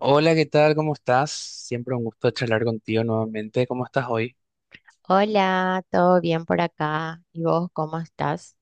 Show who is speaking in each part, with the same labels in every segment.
Speaker 1: Hola, ¿qué tal? ¿Cómo estás? Siempre un gusto charlar contigo nuevamente. ¿Cómo estás hoy?
Speaker 2: Hola, ¿todo bien por acá? ¿Y vos cómo estás?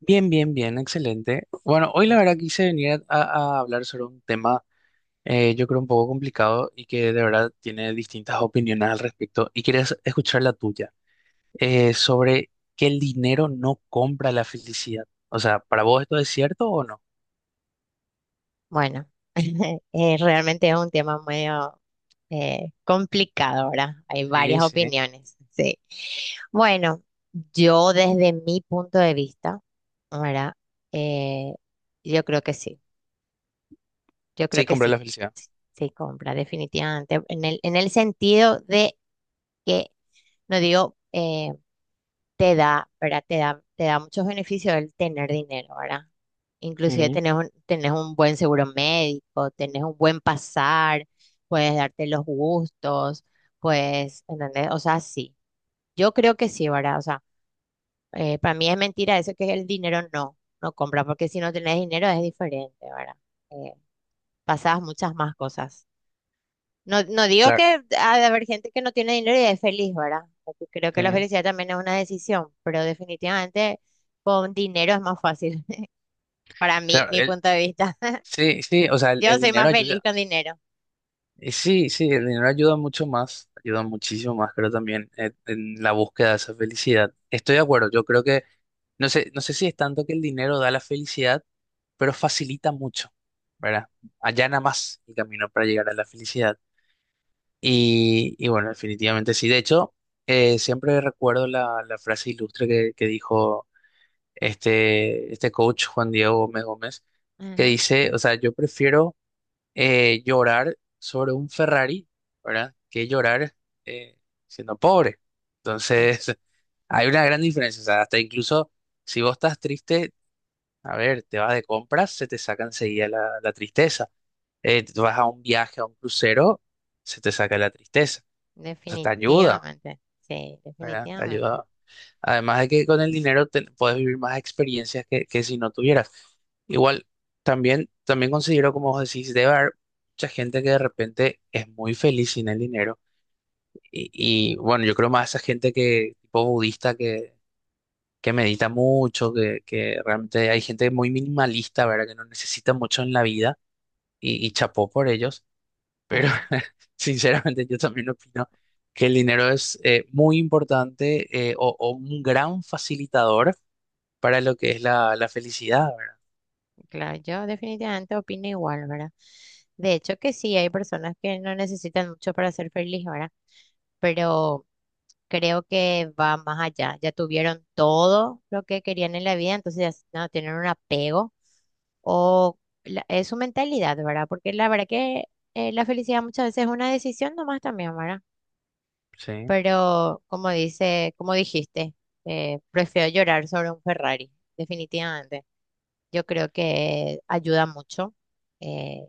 Speaker 1: Bien, bien, bien, excelente. Bueno,
Speaker 2: Qué
Speaker 1: hoy la
Speaker 2: gusto.
Speaker 1: verdad quise venir a hablar sobre un tema, yo creo un poco complicado y que de verdad tiene distintas opiniones al respecto y quería escuchar la tuya, sobre que el dinero no compra la felicidad. O sea, ¿para vos esto es cierto o no?
Speaker 2: Bueno, realmente es un tema medio complicado, ahora. Hay varias
Speaker 1: Sí, sí,
Speaker 2: opiniones, sí. Bueno, yo desde mi punto de vista, ¿verdad? Eh, yo creo que sí, yo creo
Speaker 1: sí,
Speaker 2: que
Speaker 1: compra
Speaker 2: sí,
Speaker 1: la felicidad.
Speaker 2: sí compra, definitivamente, en en el sentido de que, no digo... te da, ¿verdad? Te da muchos beneficios el tener dinero, ¿verdad? Inclusive
Speaker 1: Ujú.
Speaker 2: tenés un buen seguro médico, tenés un buen pasar, puedes darte los gustos, pues, ¿entendés? O sea, sí. Yo creo que sí, ¿verdad? O sea, para mí es mentira eso que el dinero no compra, porque si no tenés dinero es diferente, ¿verdad? Eh, pasás muchas más cosas. No, digo
Speaker 1: Claro,
Speaker 2: que ha de haber gente que no tiene dinero y es feliz, ¿verdad? Porque creo que
Speaker 1: sí,
Speaker 2: la felicidad también es una decisión, pero definitivamente con dinero es más fácil, para mí,
Speaker 1: claro,
Speaker 2: mi punto de vista.
Speaker 1: sí, sí, o sea, el
Speaker 2: Yo
Speaker 1: el
Speaker 2: soy
Speaker 1: dinero
Speaker 2: más feliz
Speaker 1: ayuda.
Speaker 2: con dinero.
Speaker 1: Y sí, sí, el dinero ayuda mucho más, ayuda muchísimo más, creo también, en la búsqueda de esa felicidad. Estoy de acuerdo, yo creo que, no sé, no sé si es tanto que el dinero da la felicidad, pero facilita mucho, ¿verdad? Allana más el camino para llegar a la felicidad. Y bueno, definitivamente sí. De hecho, siempre recuerdo la frase ilustre que dijo este coach Juan Diego Gómez Gómez, que
Speaker 2: Ajá,
Speaker 1: dice, o sea, yo prefiero llorar sobre un Ferrari, ¿verdad? Que llorar eh, siendo pobre.
Speaker 2: de-
Speaker 1: Entonces, hay una gran diferencia. O sea, hasta incluso si vos estás triste, a ver, te vas de compras, se te saca enseguida la tristeza. Tú vas a un viaje, a un crucero, se te saca la tristeza. O sea, te ayuda,
Speaker 2: definitivamente, sí,
Speaker 1: ¿verdad? Te
Speaker 2: definitivamente.
Speaker 1: ayuda. Además de que con el dinero puedes vivir más experiencias que si no tuvieras. Igual, también, también considero, como vos decís, debe haber mucha gente que de repente es muy feliz sin el dinero. Y bueno, yo creo más esa gente tipo budista, que medita mucho, que realmente hay gente muy minimalista, ¿verdad? Que no necesita mucho en la vida y chapó por ellos. Pero
Speaker 2: Sí.
Speaker 1: sinceramente yo también opino que el dinero es muy importante, eh, o un gran facilitador para lo que es la felicidad, ¿verdad?
Speaker 2: Claro, yo definitivamente opino igual, ¿verdad? De hecho que sí, hay personas que no necesitan mucho para ser feliz, ¿verdad? Pero creo que va más allá. Ya tuvieron todo lo que querían en la vida, entonces ya no tienen un apego o es su mentalidad, ¿verdad? Porque la verdad que la felicidad muchas veces es una decisión nomás también, ¿verdad?
Speaker 1: Sí,
Speaker 2: Pero como dice, como dijiste, prefiero llorar sobre un Ferrari, definitivamente. Yo creo que ayuda mucho, eh,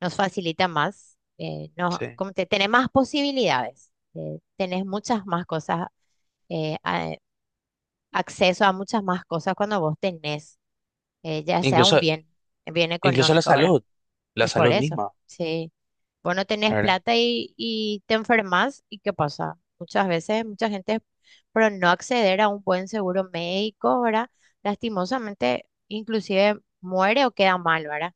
Speaker 2: nos facilita más, no,
Speaker 1: sí.
Speaker 2: como te, tenés más posibilidades, tenés muchas más cosas, eh, a- acceso a muchas más cosas cuando vos tenés, ya sea
Speaker 1: Incluso,
Speaker 2: un bien, bien
Speaker 1: incluso
Speaker 2: económico, ahora.
Speaker 1: la
Speaker 2: Y por
Speaker 1: salud
Speaker 2: eso,
Speaker 1: misma,
Speaker 2: si vos no tenés
Speaker 1: ¿verdad?
Speaker 2: plata y te enfermas, ¿y qué pasa? Muchas veces, mucha gente, por no acceder a un buen seguro médico, ¿verdad? Lastimosamente, inclusive muere o queda mal, ¿verdad?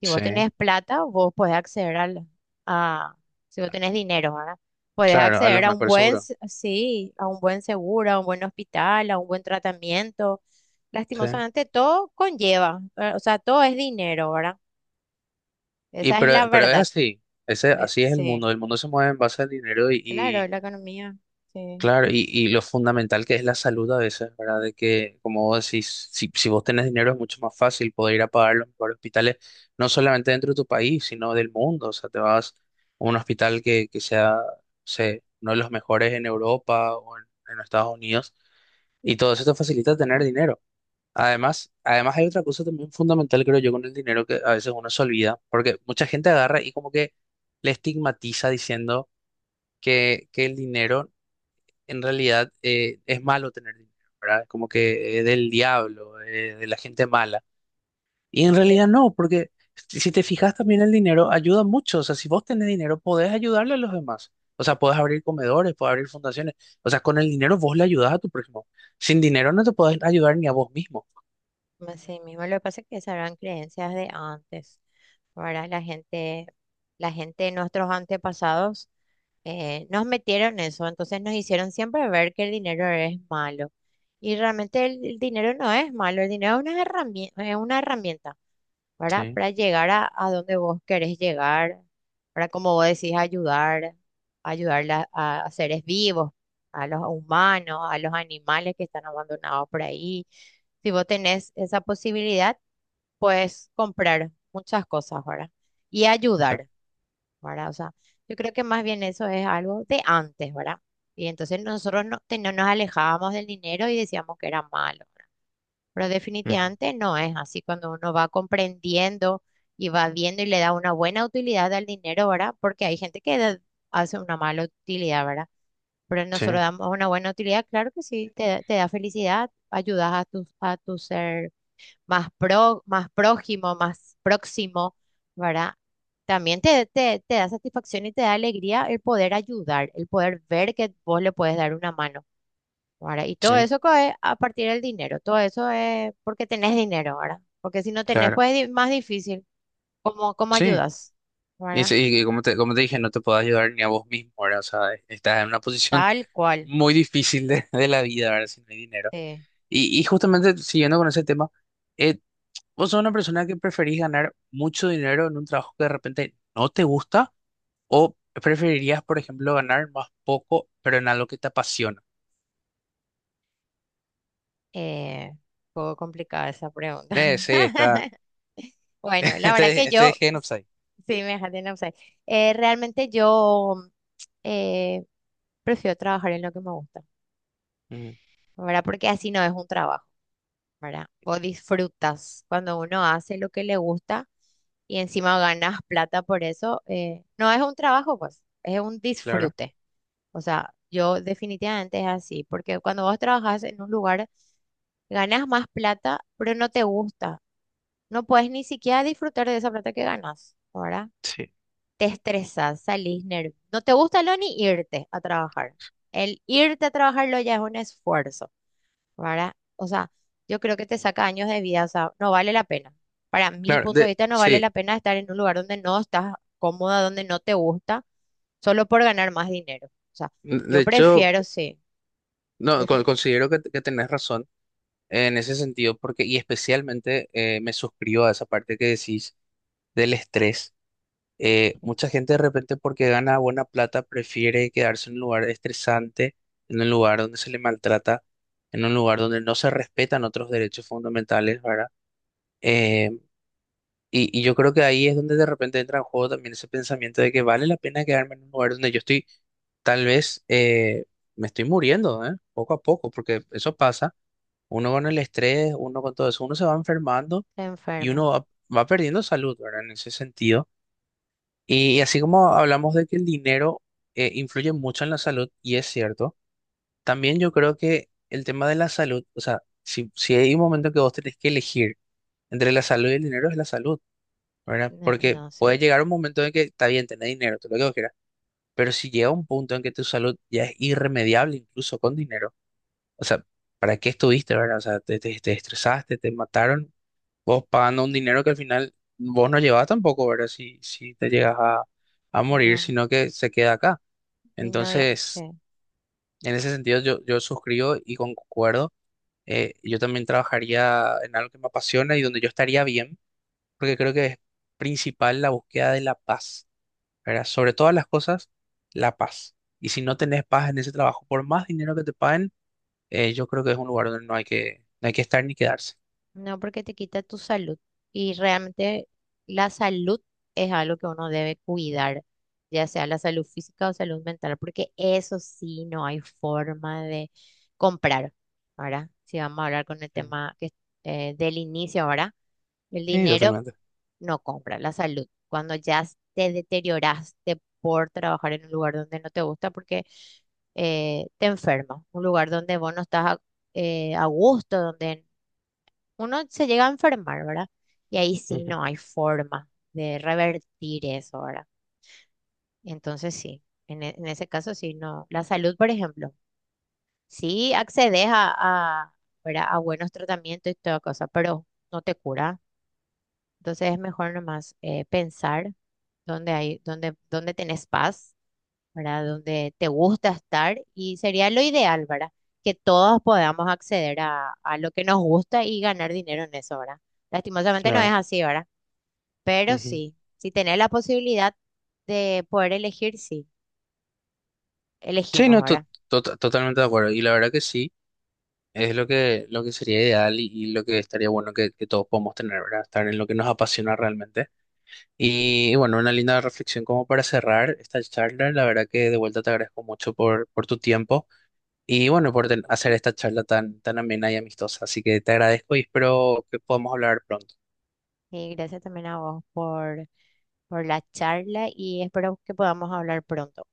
Speaker 2: Si vos
Speaker 1: Sí,
Speaker 2: tenés plata, vos podés acceder al, a, si vos tenés dinero, ¿verdad? Podés
Speaker 1: claro, a lo
Speaker 2: acceder a un
Speaker 1: mejor
Speaker 2: buen,
Speaker 1: seguro.
Speaker 2: s- sí, a un buen seguro, a un buen hospital, a un buen tratamiento.
Speaker 1: Sí.
Speaker 2: Lastimosamente, todo conlleva, o sea, todo es dinero, ¿verdad?
Speaker 1: Y
Speaker 2: Esa es la
Speaker 1: pero es
Speaker 2: verdad.
Speaker 1: así, ese, así es
Speaker 2: Sí,
Speaker 1: el mundo se mueve en base al dinero. y,
Speaker 2: claro,
Speaker 1: y
Speaker 2: la economía, sí.
Speaker 1: claro, y lo fundamental que es la salud a veces, ¿verdad? De que, como vos decís, si vos tenés dinero es mucho más fácil poder ir a pagar los mejores hospitales, no solamente dentro de tu país, sino del mundo. O sea, te vas a un hospital que sea, no sé, uno de los mejores en Europa en Estados Unidos, y todo eso te facilita tener dinero. Además, además hay otra cosa también fundamental, creo yo, con el dinero que a veces uno se olvida, porque mucha gente agarra y como que le estigmatiza diciendo que el dinero en realidad, es malo tener dinero, ¿verdad? Es como que es del diablo, de la gente mala. Y en
Speaker 2: Eh,
Speaker 1: realidad no, porque si te fijas también el dinero ayuda mucho. O sea, si vos tenés dinero, podés ayudarle a los demás. O sea, podés abrir comedores, podés abrir fundaciones. O sea, con el dinero vos le ayudás a tu prójimo. Sin dinero no te podés ayudar ni a vos mismo.
Speaker 2: así mismo, lo que pasa es que esas eran creencias de antes. Ahora la gente de nuestros antepasados nos metieron eso, entonces nos hicieron siempre ver que el dinero es malo. Y realmente el dinero no es malo, el dinero es una herramienta, ¿verdad?
Speaker 1: Sí,
Speaker 2: Para llegar a donde vos querés llegar, para como vos decís, ayudar, ayudar a seres vivos, a los humanos, a los animales que están abandonados por ahí. Si vos tenés esa posibilidad, puedes comprar muchas cosas, ¿verdad? Y
Speaker 1: sí,
Speaker 2: ayudar. ¿Verdad? O sea, yo creo que más bien eso es algo de antes, ¿verdad? Y entonces nosotros no, no nos alejábamos del dinero y decíamos que era malo, ¿verdad? Pero
Speaker 1: ujú,
Speaker 2: definitivamente no es así cuando uno va comprendiendo y va viendo y le da una buena utilidad al dinero, ¿verdad? Porque hay gente que hace una mala utilidad, ¿verdad? Pero nosotros
Speaker 1: sí,
Speaker 2: damos una buena utilidad, claro que sí, te da felicidad, ayudas a tu ser más, pro, más prójimo, más próximo, ¿verdad? También te da satisfacción y te da alegría el poder ayudar, el poder ver que vos le puedes dar una mano, ¿verdad? Y todo
Speaker 1: sí,
Speaker 2: eso es a partir del dinero, todo eso es porque tenés dinero, ¿verdad? Porque si no tenés,
Speaker 1: claro,
Speaker 2: pues es más difícil. ¿Cómo, cómo
Speaker 1: sí.
Speaker 2: ayudas?
Speaker 1: Y,
Speaker 2: ¿Verdad?
Speaker 1: sí, y como te dije, no te podés ayudar ni a vos mismo, ¿verdad? O sea, estás en una posición
Speaker 2: Tal cual.
Speaker 1: muy difícil de la vida, ¿verdad? Si no hay dinero.
Speaker 2: Sí.
Speaker 1: Y justamente siguiendo con ese tema, eh, ¿vos sos una persona que preferís ganar mucho dinero en un trabajo que de repente no te gusta o preferirías, por ejemplo, ganar más poco, pero en algo que te apasiona?
Speaker 2: Un poco complicada esa pregunta.
Speaker 1: Sí, está.
Speaker 2: Bueno, la verdad que
Speaker 1: Este
Speaker 2: yo.
Speaker 1: es Gen of Sai.
Speaker 2: Sí, me dejaste en offside. Realmente yo eh, prefiero trabajar en lo que me gusta,
Speaker 1: Ujú.
Speaker 2: ¿verdad? Porque así no es un trabajo, ¿verdad? Vos disfrutas cuando uno hace lo que le gusta y encima ganas plata por eso. No es un trabajo, pues, es un
Speaker 1: Claro,
Speaker 2: disfrute. O sea, yo definitivamente es así, porque cuando vos trabajas en un lugar, ganas más plata, pero no te gusta. No puedes ni siquiera disfrutar de esa plata que ganas, ¿verdad?
Speaker 1: sí,
Speaker 2: Te estresas, salís nervioso. No te gusta lo ni irte a trabajar. El irte a trabajarlo ya es un esfuerzo, ¿verdad? O sea, yo creo que te saca años de vida, o sea, no vale la pena. Para mi
Speaker 1: claro,
Speaker 2: punto de
Speaker 1: de,
Speaker 2: vista, no vale
Speaker 1: sí.
Speaker 2: la pena estar en un lugar donde no estás cómoda, donde no te gusta, solo por ganar más dinero. O sea,
Speaker 1: De
Speaker 2: yo
Speaker 1: hecho,
Speaker 2: prefiero, sí,
Speaker 1: no,
Speaker 2: definitivamente.
Speaker 1: considero que tenés razón en ese sentido, porque, y especialmente, me suscribo a esa parte que decís del estrés. Mucha gente de repente porque gana buena plata prefiere quedarse en un lugar estresante, en un lugar donde se le maltrata, en un lugar donde no se respetan otros derechos fundamentales, ¿verdad? Eh, y yo creo que ahí es donde de repente entra en juego también ese pensamiento de que vale la pena quedarme en un lugar donde yo estoy, tal vez, me estoy muriendo, ¿eh? Poco a poco, porque eso pasa. Uno con el estrés, uno con todo eso, uno se va enfermando y
Speaker 2: Enfermo,
Speaker 1: va perdiendo salud, ¿verdad? En ese sentido. Y así como hablamos de que el dinero influye mucho en la salud, y es cierto, también yo creo que el tema de la salud, o sea, si hay un momento que vos tenés que elegir entre la salud y el dinero, es la salud, ¿verdad?
Speaker 2: no,
Speaker 1: Porque
Speaker 2: no
Speaker 1: puede
Speaker 2: sé,
Speaker 1: llegar un momento en que está bien tener dinero, todo lo que vos quieras, pero si llega un punto en que tu salud ya es irremediable, incluso con dinero, o sea, ¿para qué estuviste, verdad? O sea, te estresaste, te mataron vos pagando un dinero que al final vos no llevás tampoco, ¿verdad? Si te llegas a morir,
Speaker 2: no,
Speaker 1: sino que se queda acá.
Speaker 2: y no, ya, sí.
Speaker 1: Entonces, en ese sentido yo suscribo y concuerdo. Yo también trabajaría en algo que me apasiona y donde yo estaría bien, porque creo que es principal la búsqueda de la paz, ¿verdad? Sobre todas las cosas, la paz. Y si no tenés paz en ese trabajo, por más dinero que te paguen, yo creo que es un lugar donde no hay que estar ni quedarse.
Speaker 2: No, porque te quita tu salud. Y realmente la salud es algo que uno debe cuidar, ya sea la salud física o salud mental, porque eso sí no hay forma de comprar. Ahora, si vamos a hablar con el
Speaker 1: Mm.
Speaker 2: tema que, del inicio ahora, el
Speaker 1: Sí,
Speaker 2: dinero
Speaker 1: totalmente.
Speaker 2: no compra la salud. Cuando ya te deterioraste por trabajar en un lugar donde no te gusta, porque te enfermas, un lugar donde vos no estás a gusto, donde uno se llega a enfermar, ¿verdad? Y ahí sí
Speaker 1: Ujú.
Speaker 2: no hay forma de revertir eso, ¿verdad? Entonces sí, en, en ese caso sí, no. La salud, por ejemplo, sí accedes a, ¿verdad? A buenos tratamientos y toda cosa, pero no te cura. Entonces es mejor nomás pensar dónde hay, dónde, dónde tenés paz, ¿verdad? Dónde te gusta estar y sería lo ideal, ¿verdad? Que todos podamos acceder a lo que nos gusta y ganar dinero en eso, ¿verdad? Lastimosamente no es
Speaker 1: Claro.
Speaker 2: así, ¿verdad? Pero
Speaker 1: Ujú.
Speaker 2: sí, si tenés la posibilidad de poder elegir, sí,
Speaker 1: Sí,
Speaker 2: elegimos
Speaker 1: no,
Speaker 2: ahora.
Speaker 1: totalmente de acuerdo. Y la verdad que sí, es lo que sería ideal y lo que estaría bueno que todos podamos tener, ¿verdad? Estar en lo que nos apasiona realmente. Y, bueno, una linda reflexión como para cerrar esta charla. La verdad que de vuelta te agradezco mucho por tu tiempo y bueno, por hacer esta charla tan, tan amena y amistosa. Así que te agradezco y espero que podamos hablar pronto.
Speaker 2: Y gracias también a vos por la charla y espero que podamos hablar pronto.